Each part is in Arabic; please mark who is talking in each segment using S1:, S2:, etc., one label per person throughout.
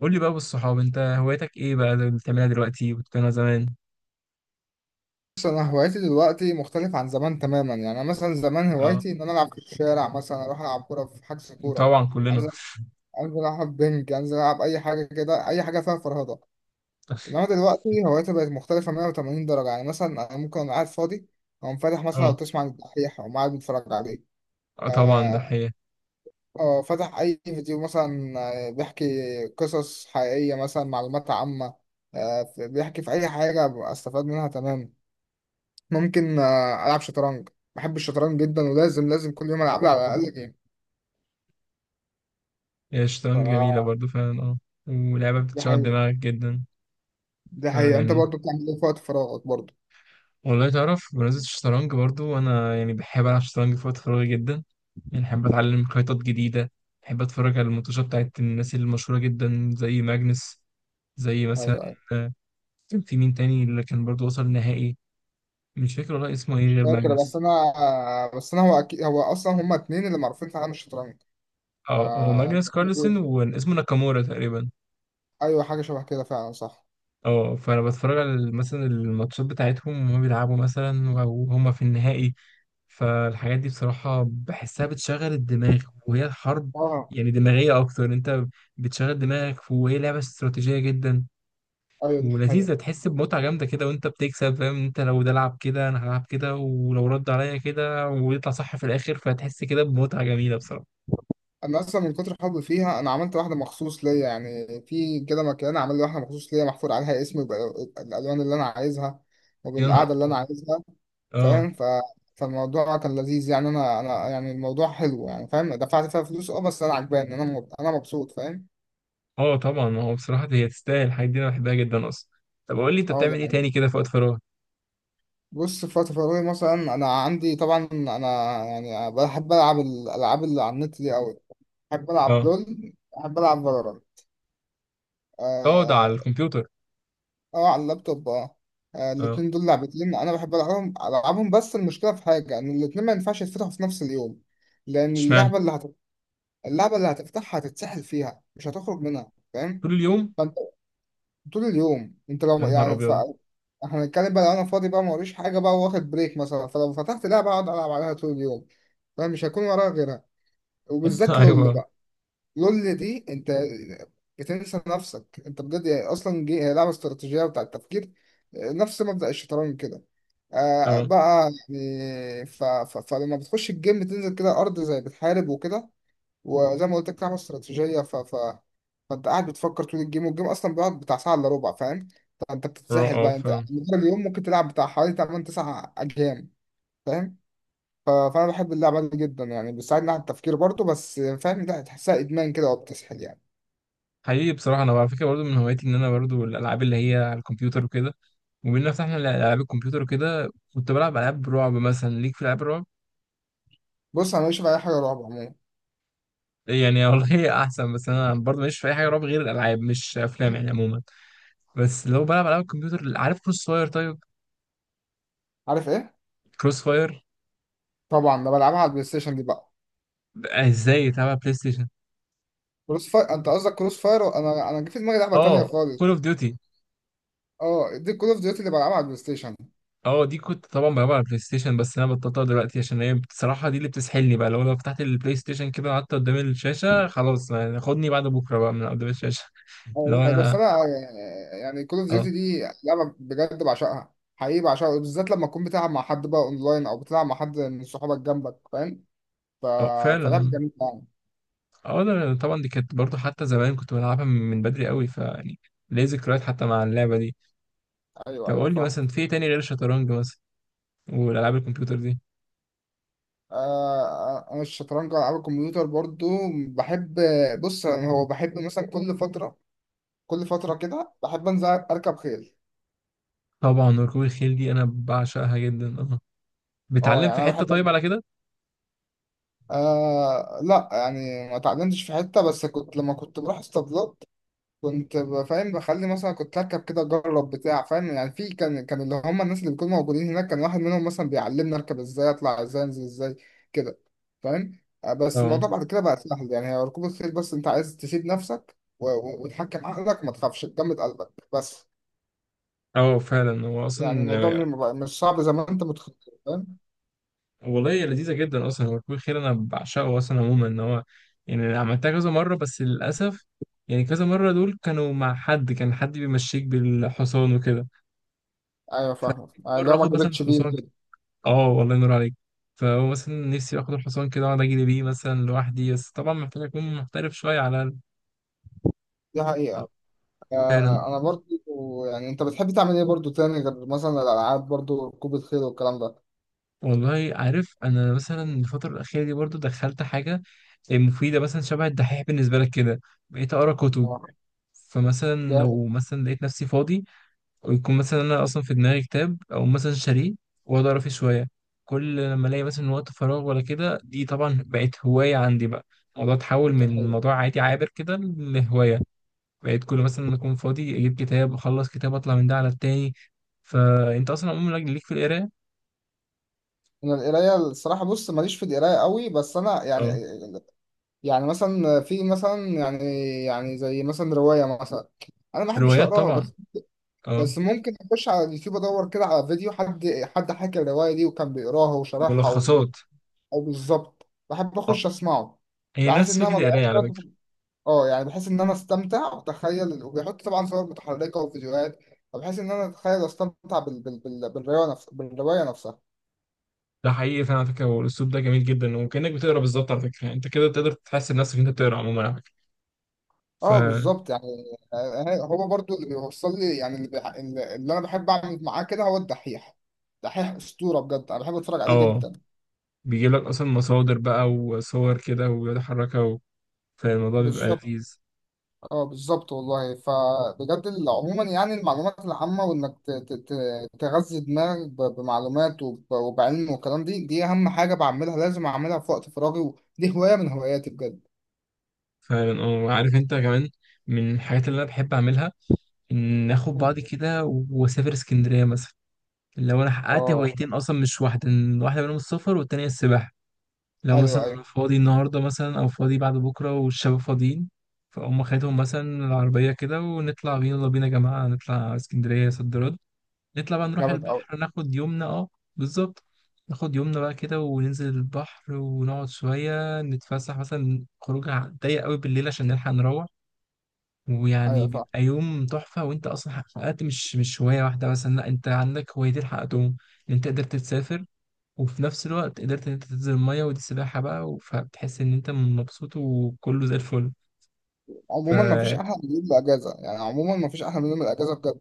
S1: قول لي بقى بالصحاب، انت هوايتك ايه بقى اللي بتعملها دلوقتي وبتعملها زمان؟
S2: بص، انا هوايتي دلوقتي مختلف عن زمان تماما. يعني انا مثلا زمان
S1: اه،
S2: هوايتي ان انا العب في الشارع، مثلا اروح العب كوره في حجز كوره.
S1: طبعا كلنا.
S2: انزل انزل العب بنج، انزل العب اي حاجه كده، اي حاجه فيها فرهضه. انما دلوقتي هوايتي بقت مختلفه 180 درجه. يعني مثلا انا ممكن أبقى قاعد فاضي او فاتح، مثلا لو
S1: اه.
S2: تسمع عن الدحيح او قاعد بتفرج عليه.
S1: اه، طبعا ده
S2: اه،
S1: حقيقة.
S2: أو فاتح اي فيديو مثلا. بيحكي قصص حقيقيه، مثلا معلومات عامه. بيحكي في اي حاجه استفاد منها تماما. ممكن العب شطرنج. بحب الشطرنج جدا، ولازم كل يوم العب لي على الاقل جيم.
S1: هي الشطرنج جميلة
S2: ف
S1: برضو فعلا، اه. ولعبة
S2: دي
S1: بتشغل
S2: حقيقة.
S1: دماغك جدا.
S2: دي حقيقة، انت
S1: فيعني،
S2: برضو بتعمل ايه في وقت فراغك برضو؟
S1: والله تعرف بمناسبة الشطرنج برضو أنا يعني بحب ألعب شطرنج في وقت فراغي جدا. يعني بحب أتعلم خيطات جديدة. بحب أتفرج على الماتشات بتاعت الناس المشهورة جدا زي ماجنس. زي مثلا،
S2: ايوه، ايوه.
S1: آه، كان في مين تاني اللي كان برضو وصل نهائي؟ مش فاكر والله اسمه ايه غير
S2: فاكر بس
S1: ماجنس.
S2: انا آه، بس انا، هو اكيد، هو اصلا هما اتنين اللي معروفين في عالم الشطرنج. ف
S1: اه، هو
S2: يعني
S1: ماجنس كارلسن واسمه ناكامورا تقريبا.
S2: ايوه، حاجة شبه كده فعلا، صح.
S1: اه، فانا بتفرج على مثلا الماتشات بتاعتهم وهم بيلعبوا مثلا، او هم في النهائي. فالحاجات دي بصراحة بحسها بتشغل الدماغ. وهي الحرب
S2: اه،
S1: يعني دماغية أكتر. أنت بتشغل دماغك، وهي لعبة استراتيجية جدا،
S2: ايوه دي حقيقة.
S1: ولذيذة. تحس بمتعة جامدة كده وأنت بتكسب، فاهم؟ أنت لو ده لعب كده أنا هلعب كده، ولو رد عليا كده ويطلع صح في الآخر، فتحس كده بمتعة جميلة بصراحة.
S2: انا اصلا من كتر حبي فيها انا عملت واحدة مخصوص ليا، يعني في كده مكان عامل لي واحدة مخصوص ليا، محفور عليها اسمي بالالوان اللي انا عايزها
S1: يا نهار.
S2: وبالقعدة اللي انا عايزها.
S1: آه.
S2: فاهم؟ فالموضوع كان لذيذ يعني، انا يعني الموضوع حلو يعني، فاهم. دفعت فيها فلوس، اه بس انا عجباني، انا مبسوط، فاهم.
S1: اه، طبعا هو بصراحة هي تستاهل الحاجات دي، انا بحبها جدا اصلا. طب قول لي انت
S2: اه، ده
S1: بتعمل ايه
S2: حقيقي.
S1: تاني كده في وقت فراغ؟
S2: بص، في وقت فراغي مثلا انا عندي، طبعا انا يعني بحب العب الالعاب اللي على النت دي قوي. بحب العب
S1: اه.
S2: لول، بحب العب فالورانت.
S1: اقعد على
S2: اه،
S1: الكمبيوتر.
S2: على اللابتوب، اه.
S1: اه.
S2: الاتنين دول لعبتين انا بحب العبهم، العبهم، بس المشكله في حاجه، ان الاتنين ما ينفعش يتفتحوا في نفس اليوم. لان
S1: اشمعنى؟
S2: اللعبه اللي هتفتحها هتتسحل فيها، مش هتخرج منها، فاهم.
S1: طول اليوم.
S2: فانت طول اليوم، انت
S1: يا
S2: لو
S1: نهار
S2: يعني
S1: ابيض.
S2: احنا هنتكلم بقى، لو انا فاضي بقى موريش حاجه بقى، واخد بريك مثلا، فلو فتحت لعبه اقعد العب عليها طول اليوم، فمش هكون وراها غيرها. وبالذات لول
S1: ايوه.
S2: بقى، لول دي انت بتنسى نفسك انت بجد، يعني اصلا هي لعبه استراتيجيه بتاع التفكير، نفس مبدأ الشطرنج كده. آه
S1: اه.
S2: بقى يعني ف... ف... فلما بتخش الجيم بتنزل كده ارض زي بتحارب وكده. وزي ما قلت لك، لعبه استراتيجيه، فانت قاعد بتفكر طول الجيم، والجيم اصلا بيقعد بتاع ساعه الا ربع، فاهم. فانت بتتسحل
S1: اه،
S2: بقى، انت
S1: فاهم.
S2: مدار اليوم ممكن تلعب بتاع حوالي 8 9 اجيال، فاهم. فانا بحب اللعبه دي جدا يعني، بتساعدني على التفكير برضه، بس فاهم، لا، تحسها ادمان كده وبتسحل يعني.
S1: حقيقي بصراحة، انا على فكرة برضو من هواياتي ان انا برضو الالعاب اللي هي على الكمبيوتر وكده. وبما فتحنا العاب الكمبيوتر وكده، كنت بلعب العاب رعب مثلا. ليك في العاب الرعب؟
S2: بص، انا ماليش في اي حاجه رعب عموما.
S1: يعني والله هي احسن، بس انا برضو ماليش في اي حاجه رعب غير الالعاب، مش افلام يعني عموما. بس لو بلعب العاب الكمبيوتر، عارف كروس فاير؟ طيب.
S2: عارف ايه؟
S1: كروس فاير.
S2: طبعا انا بلعبها على البلاي ستيشن دي بقى.
S1: ازاي يلعبها بلاي ستيشن؟
S2: كروس فاير، انت قصدك كروس فاير؟ انا، انا جه في دماغي لعبه تانيه
S1: اه.
S2: خالص.
S1: كول اوف ديوتي.
S2: اه، دي كول اوف ديوتي اللي بلعبها على البلاي ستيشن.
S1: اه، دي كنت طبعا بلعبها على البلاي ستيشن، بس انا بطلتها دلوقتي عشان هي بصراحه دي اللي بتسحلني بقى. لو فتحت البلاي ستيشن كده وقعدت قدام الشاشه، خلاص يعني، خدني بعد بكره بقى من قدام الشاشه.
S2: أه، دي
S1: لو
S2: حقيقة. بس
S1: انا.
S2: انا يعني كول اوف ديوتي
S1: اه.
S2: دي لعبه بجد بعشقها، حقيقي بعشقها، بالذات لما تكون بتلعب مع حد بقى اونلاين، او بتلعب مع حد من صحابك جنبك، فاهم. ف...
S1: اه،
S2: فلعبه
S1: فعلا.
S2: جميله يعني.
S1: اه، ده طبعا دي كانت برضو حتى زمان، كنت بلعبها من بدري قوي، فيعني ليه ذكريات حتى مع اللعبه دي.
S2: ايوه،
S1: طب
S2: ايوه
S1: قول لي
S2: فاهم.
S1: مثلا في إيه تاني غير الشطرنج مثلا، والالعاب الكمبيوتر دي؟
S2: انا الشطرنج، العاب الكمبيوتر برضو بحب. بص يعني هو، بحب مثلا كل فتره، كل فتره كده بحب انزل اركب خيل.
S1: طبعا ركوب الخيل دي انا بعشقها جدا، اه.
S2: اه
S1: بتعلم في
S2: يعني انا
S1: حته طيب
S2: بحب،
S1: على كده؟
S2: لا يعني ما اتعلمتش في حته، بس كنت لما كنت بروح اسطبلات كنت فاهم، بخلي مثلا كنت اركب كده، اجرب بتاع، فاهم يعني، في كان اللي هم الناس اللي بيكونوا موجودين هناك، كان واحد منهم مثلا بيعلمني اركب ازاي، اطلع ازاي، انزل ازاي كده، فاهم. بس
S1: اه.
S2: الموضوع بعد كده بقى سهل يعني، هي ركوب الخيل بس انت عايز تسيب نفسك وتحكم عقلك، وما تخافش، تجمد قلبك بس.
S1: اه، فعلا. هو
S2: يعني
S1: اصلا
S2: الموضوع م- ما بقى- مش صعب زي ما انت متخيل، فاهم.
S1: والله هي لذيذه جدا اصلا. هو ركوب الخيل انا بعشقه اصلا عموما. ان هو يعني أنا عملتها كذا مره، بس للاسف يعني كذا مره دول كانوا مع حد، كان حد بيمشيك بالحصان وكده.
S2: ايوه فاهمك،
S1: فمره
S2: لو ما
S1: اخد مثلا
S2: جريتش بيه
S1: حصان
S2: كده.
S1: اه، والله ينور عليك. فهو مثلا نفسي اخد الحصان كده واقعد اجري بيه مثلا لوحدي، بس طبعا محتاج اكون محترف شويه على
S2: دي حقيقة.
S1: آه، فعلا.
S2: انا برضو يعني، انت بتحب تعمل ايه برضو تاني غير مثلا الالعاب برضو، ركوب الخيل والكلام ده؟
S1: والله عارف انا مثلا الفتره الاخيره دي برضو دخلت حاجه مفيده، مثلا شبه الدحيح بالنسبه لك كده. بقيت اقرا كتب.
S2: آه.
S1: فمثلا لو مثلا لقيت نفسي فاضي، ويكون مثلا انا اصلا في دماغي كتاب او مثلا شاريه، واقعد اقرا فيه شويه. كل لما الاقي مثلا وقت فراغ ولا كده، دي طبعا بقت هوايه عندي بقى. الموضوع اتحول
S2: ده
S1: من
S2: حقيقي.
S1: موضوع عادي عابر كده لهوايه. بقيت كل مثلا لما اكون فاضي اجيب كتاب، اخلص كتاب اطلع من ده على التاني. فانت اصلا عموما ليك في القرايه؟
S2: انا القرايه الصراحه، بص ماليش في القرايه قوي، بس انا يعني،
S1: اه.
S2: يعني مثلا في مثلا يعني، يعني زي مثلا روايه مثلا انا ما بحبش
S1: روايات
S2: اقراها،
S1: طبعا.
S2: بس
S1: اه.
S2: بس ممكن اخش على اليوتيوب ادور كده على فيديو حد، حد حكى الروايه دي وكان بيقراها وشرحها
S1: ملخصات.
S2: او بالظبط، بحب
S1: اه.
S2: اخش اسمعه.
S1: هي
S2: بحس ان
S1: نفس
S2: انا
S1: فكره
S2: ما ضيعش
S1: القرايه على
S2: وقت
S1: فكره.
S2: يعني بحس ان انا استمتع واتخيل، وبيحط طبعا صور متحركه وفيديوهات، فبحس ان انا اتخيل واستمتع بالروايه نفسها.
S1: ده حقيقي فعلا على فكره، والاسلوب ده جميل جدا، وكانك بتقرا بالظبط على فكره، يعني انت كده تقدر تحس بنفسك إن انت بتقرا عموما على فكره. ف
S2: اه بالظبط يعني. هو برضو اللي بيوصل لي يعني، اللي, بيح... اللي اللي انا بحب اعمل معاه كده هو الدحيح. دحيح اسطوره بجد، انا بحب اتفرج عليه
S1: اه،
S2: جدا.
S1: بيجيب لك اصلا مصادر بقى وصور كده ويتحركها فالموضوع بيبقى
S2: بالظبط.
S1: لذيذ.
S2: اه بالظبط والله. فبجد عموما يعني المعلومات العامه، وانك تغذي دماغك بمعلومات وبعلم، والكلام دي اهم حاجه بعملها، لازم اعملها في وقت فراغي، ودي هوايه من هواياتي بجد.
S1: فعلا. اه، وعارف انت كمان، من الحاجات اللي انا بحب اعملها ان اخد بعضي كده واسافر اسكندريه مثلا. لو انا حققت
S2: اه.
S1: هوايتين اصلا مش واحده، إن واحده منهم السفر والتانيه السباحه. لو
S2: ايوه،
S1: مثلا
S2: ايوه.
S1: انا فاضي النهارده مثلا او فاضي بعد بكره والشباب فاضيين، فاقوم خدهم مثلا العربيه كده ونطلع بينا، يلا بينا يا جماعه نطلع اسكندريه صد رد. نطلع بقى نروح
S2: جامد قوي.
S1: البحر ناخد يومنا، اه. بالظبط. ناخد يومنا بقى كده وننزل البحر ونقعد شويه نتفسح، مثلا خروجه ضيق قوي بالليل عشان نلحق نروح.
S2: ايوه
S1: ويعني
S2: فعلا.
S1: بيبقى يوم تحفه، وانت اصلا حققت مش هوايه واحده مثلا، لا انت عندك هوايتين حققتهم. ان انت قدرت تسافر، وفي نفس الوقت قدرت ان انت تنزل الميه ودي السباحه بقى، فبتحس ان انت مبسوط وكله زي الفل.
S2: عموما ما فيش
S1: فحقيقي
S2: احلى من يوم الاجازه يعني، عموما ما فيش احلى من يوم الاجازه بجد.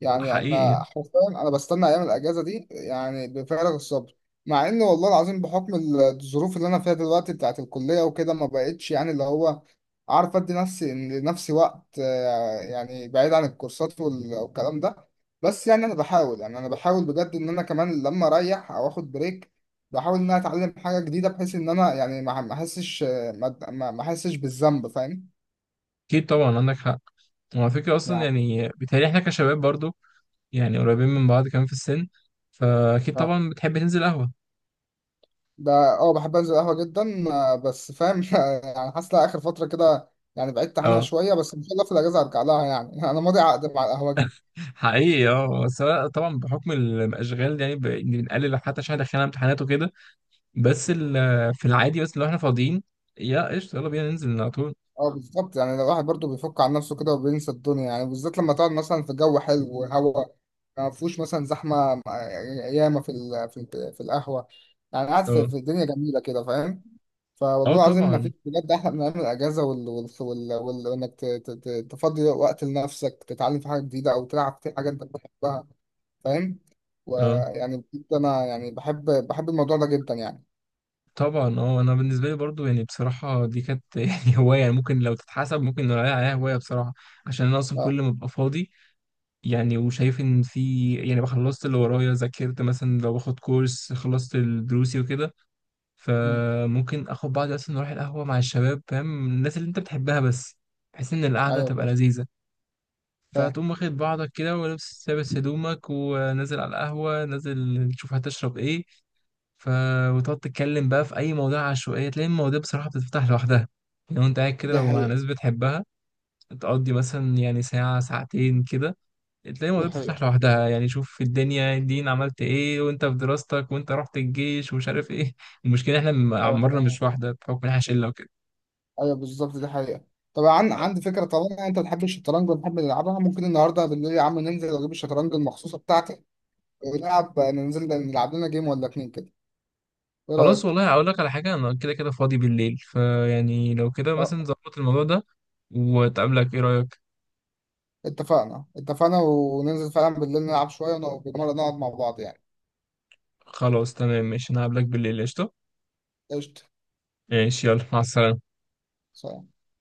S2: يعني انا
S1: يعني.
S2: حرفيا انا بستنى ايام الاجازه دي يعني بفارغ الصبر. مع ان والله العظيم، بحكم الظروف اللي انا فيها دلوقتي بتاعت الكليه وكده ما بقتش يعني، اللي هو عارف ادي نفسي لنفسي وقت، يعني بعيد عن الكورسات والكلام ده. بس يعني انا بحاول، يعني انا بحاول بجد ان انا كمان لما اريح او اخد بريك، بحاول ان انا اتعلم حاجه جديده، بحيث ان انا يعني ما احسش، ما احسش بالذنب، فاهم.
S1: اكيد طبعا عندك حق. وعلى فكره اصلا
S2: يعني
S1: يعني بيتهيألي احنا كشباب برضو، يعني قريبين من بعض كمان في السن، فاكيد
S2: اه.
S1: طبعا بتحب تنزل قهوه.
S2: بحب انزل قهوة جدا، بس فاهم يعني حاسس إن اخر فترة كده، يعني بعدت عنها
S1: اه.
S2: شوية، بس ان شاء الله في الاجازة ارجع لها يعني انا ماضي عقد مع القهوة دي.
S1: حقيقي اه، بس أنا طبعا بحكم الاشغال يعني بنقلل حتى عشان دخلنا امتحانات وكده. بس في العادي، بس لو احنا فاضيين، يا قشطه يلا بينا ننزل على طول.
S2: اه بالظبط يعني، الواحد برضه بيفك عن نفسه كده وبينسى الدنيا يعني، بالذات لما تقعد مثلا في جو حلو وهواء ما فيهوش مثلا زحمة. ياما في القهوة، يعني قاعد في
S1: اه.
S2: في الدنيا جميلة كده، فاهم.
S1: اه
S2: فوالله العظيم ما
S1: طبعا.
S2: فيش بجد احلى من ايام الاجازة، وانك تفضي وقت لنفسك، تتعلم في حاجة جديدة او تلعب في حاجة انت بتحبها، فاهم.
S1: اه
S2: ويعني بجد انا يعني بحب الموضوع ده جدا يعني.
S1: طبعا. اه، انا بالنسبه لي برضو يعني بصراحه دي كانت يعني هوايه، يعني ممكن لو تتحسب ممكن نقول عليها هوايه بصراحه. عشان انا اصلا
S2: اه.
S1: كل ما ببقى فاضي، يعني وشايف ان في يعني خلصت اللي ورايا، ذاكرت مثلا لو باخد كورس خلصت دروسي وكده،
S2: مم.
S1: فممكن اخد بعضي اصلا نروح القهوه مع الشباب، فاهم الناس اللي انت بتحبها بس، بحيث ان القعده
S2: ايوه
S1: تبقى
S2: فاهم.
S1: لذيذه.
S2: فاهم.
S1: فتقوم واخد بعضك كده ولابس لابس هدومك ونازل على القهوه، نازل تشوف هتشرب ايه. ف وتقعد تتكلم بقى في اي مواضيع عشوائيه، تلاقي المواضيع بصراحه بتتفتح لوحدها. لو انت قاعد كده
S2: دي
S1: لو مع
S2: حقيقة.
S1: ناس بتحبها، تقضي مثلا يعني ساعه ساعتين كده، تلاقي
S2: دي
S1: المواضيع
S2: حقيقة.
S1: بتتفتح لوحدها. يعني شوف في الدنيا الدين، عملت ايه وانت في دراستك، وانت رحت الجيش ومش عارف ايه. المشكله احنا
S2: ايوه
S1: عمرنا
S2: فاهم.
S1: مش واحده بحكم ان احنا شله وكده.
S2: ايوه بالظبط دي حقيقة. طبعا عندي فكرة، طالما انت بتحب الشطرنج وبنحب نلعبها، ممكن النهارده بالليل يا عم ننزل اجيب الشطرنج المخصوصة بتاعتي، ونلعب ننزل نلعب لنا جيم ولا اتنين كده. ايه
S1: خلاص
S2: رأيك؟
S1: والله، هقول لك على حاجه، انا كده كده فاضي بالليل، فيعني لو كده
S2: اه،
S1: مثلا ظبط الموضوع ده وتقابلك، ايه رايك؟
S2: اتفقنا، اتفقنا، وننزل فعلا بالليل نلعب شوية ونقعد، نقعد مع بعض يعني.
S1: خلاص تمام ماشي، انا هقابلك بالليل، قشطه.
S2: قشطة.
S1: ماشي، يلا مع السلامه.
S2: سلام.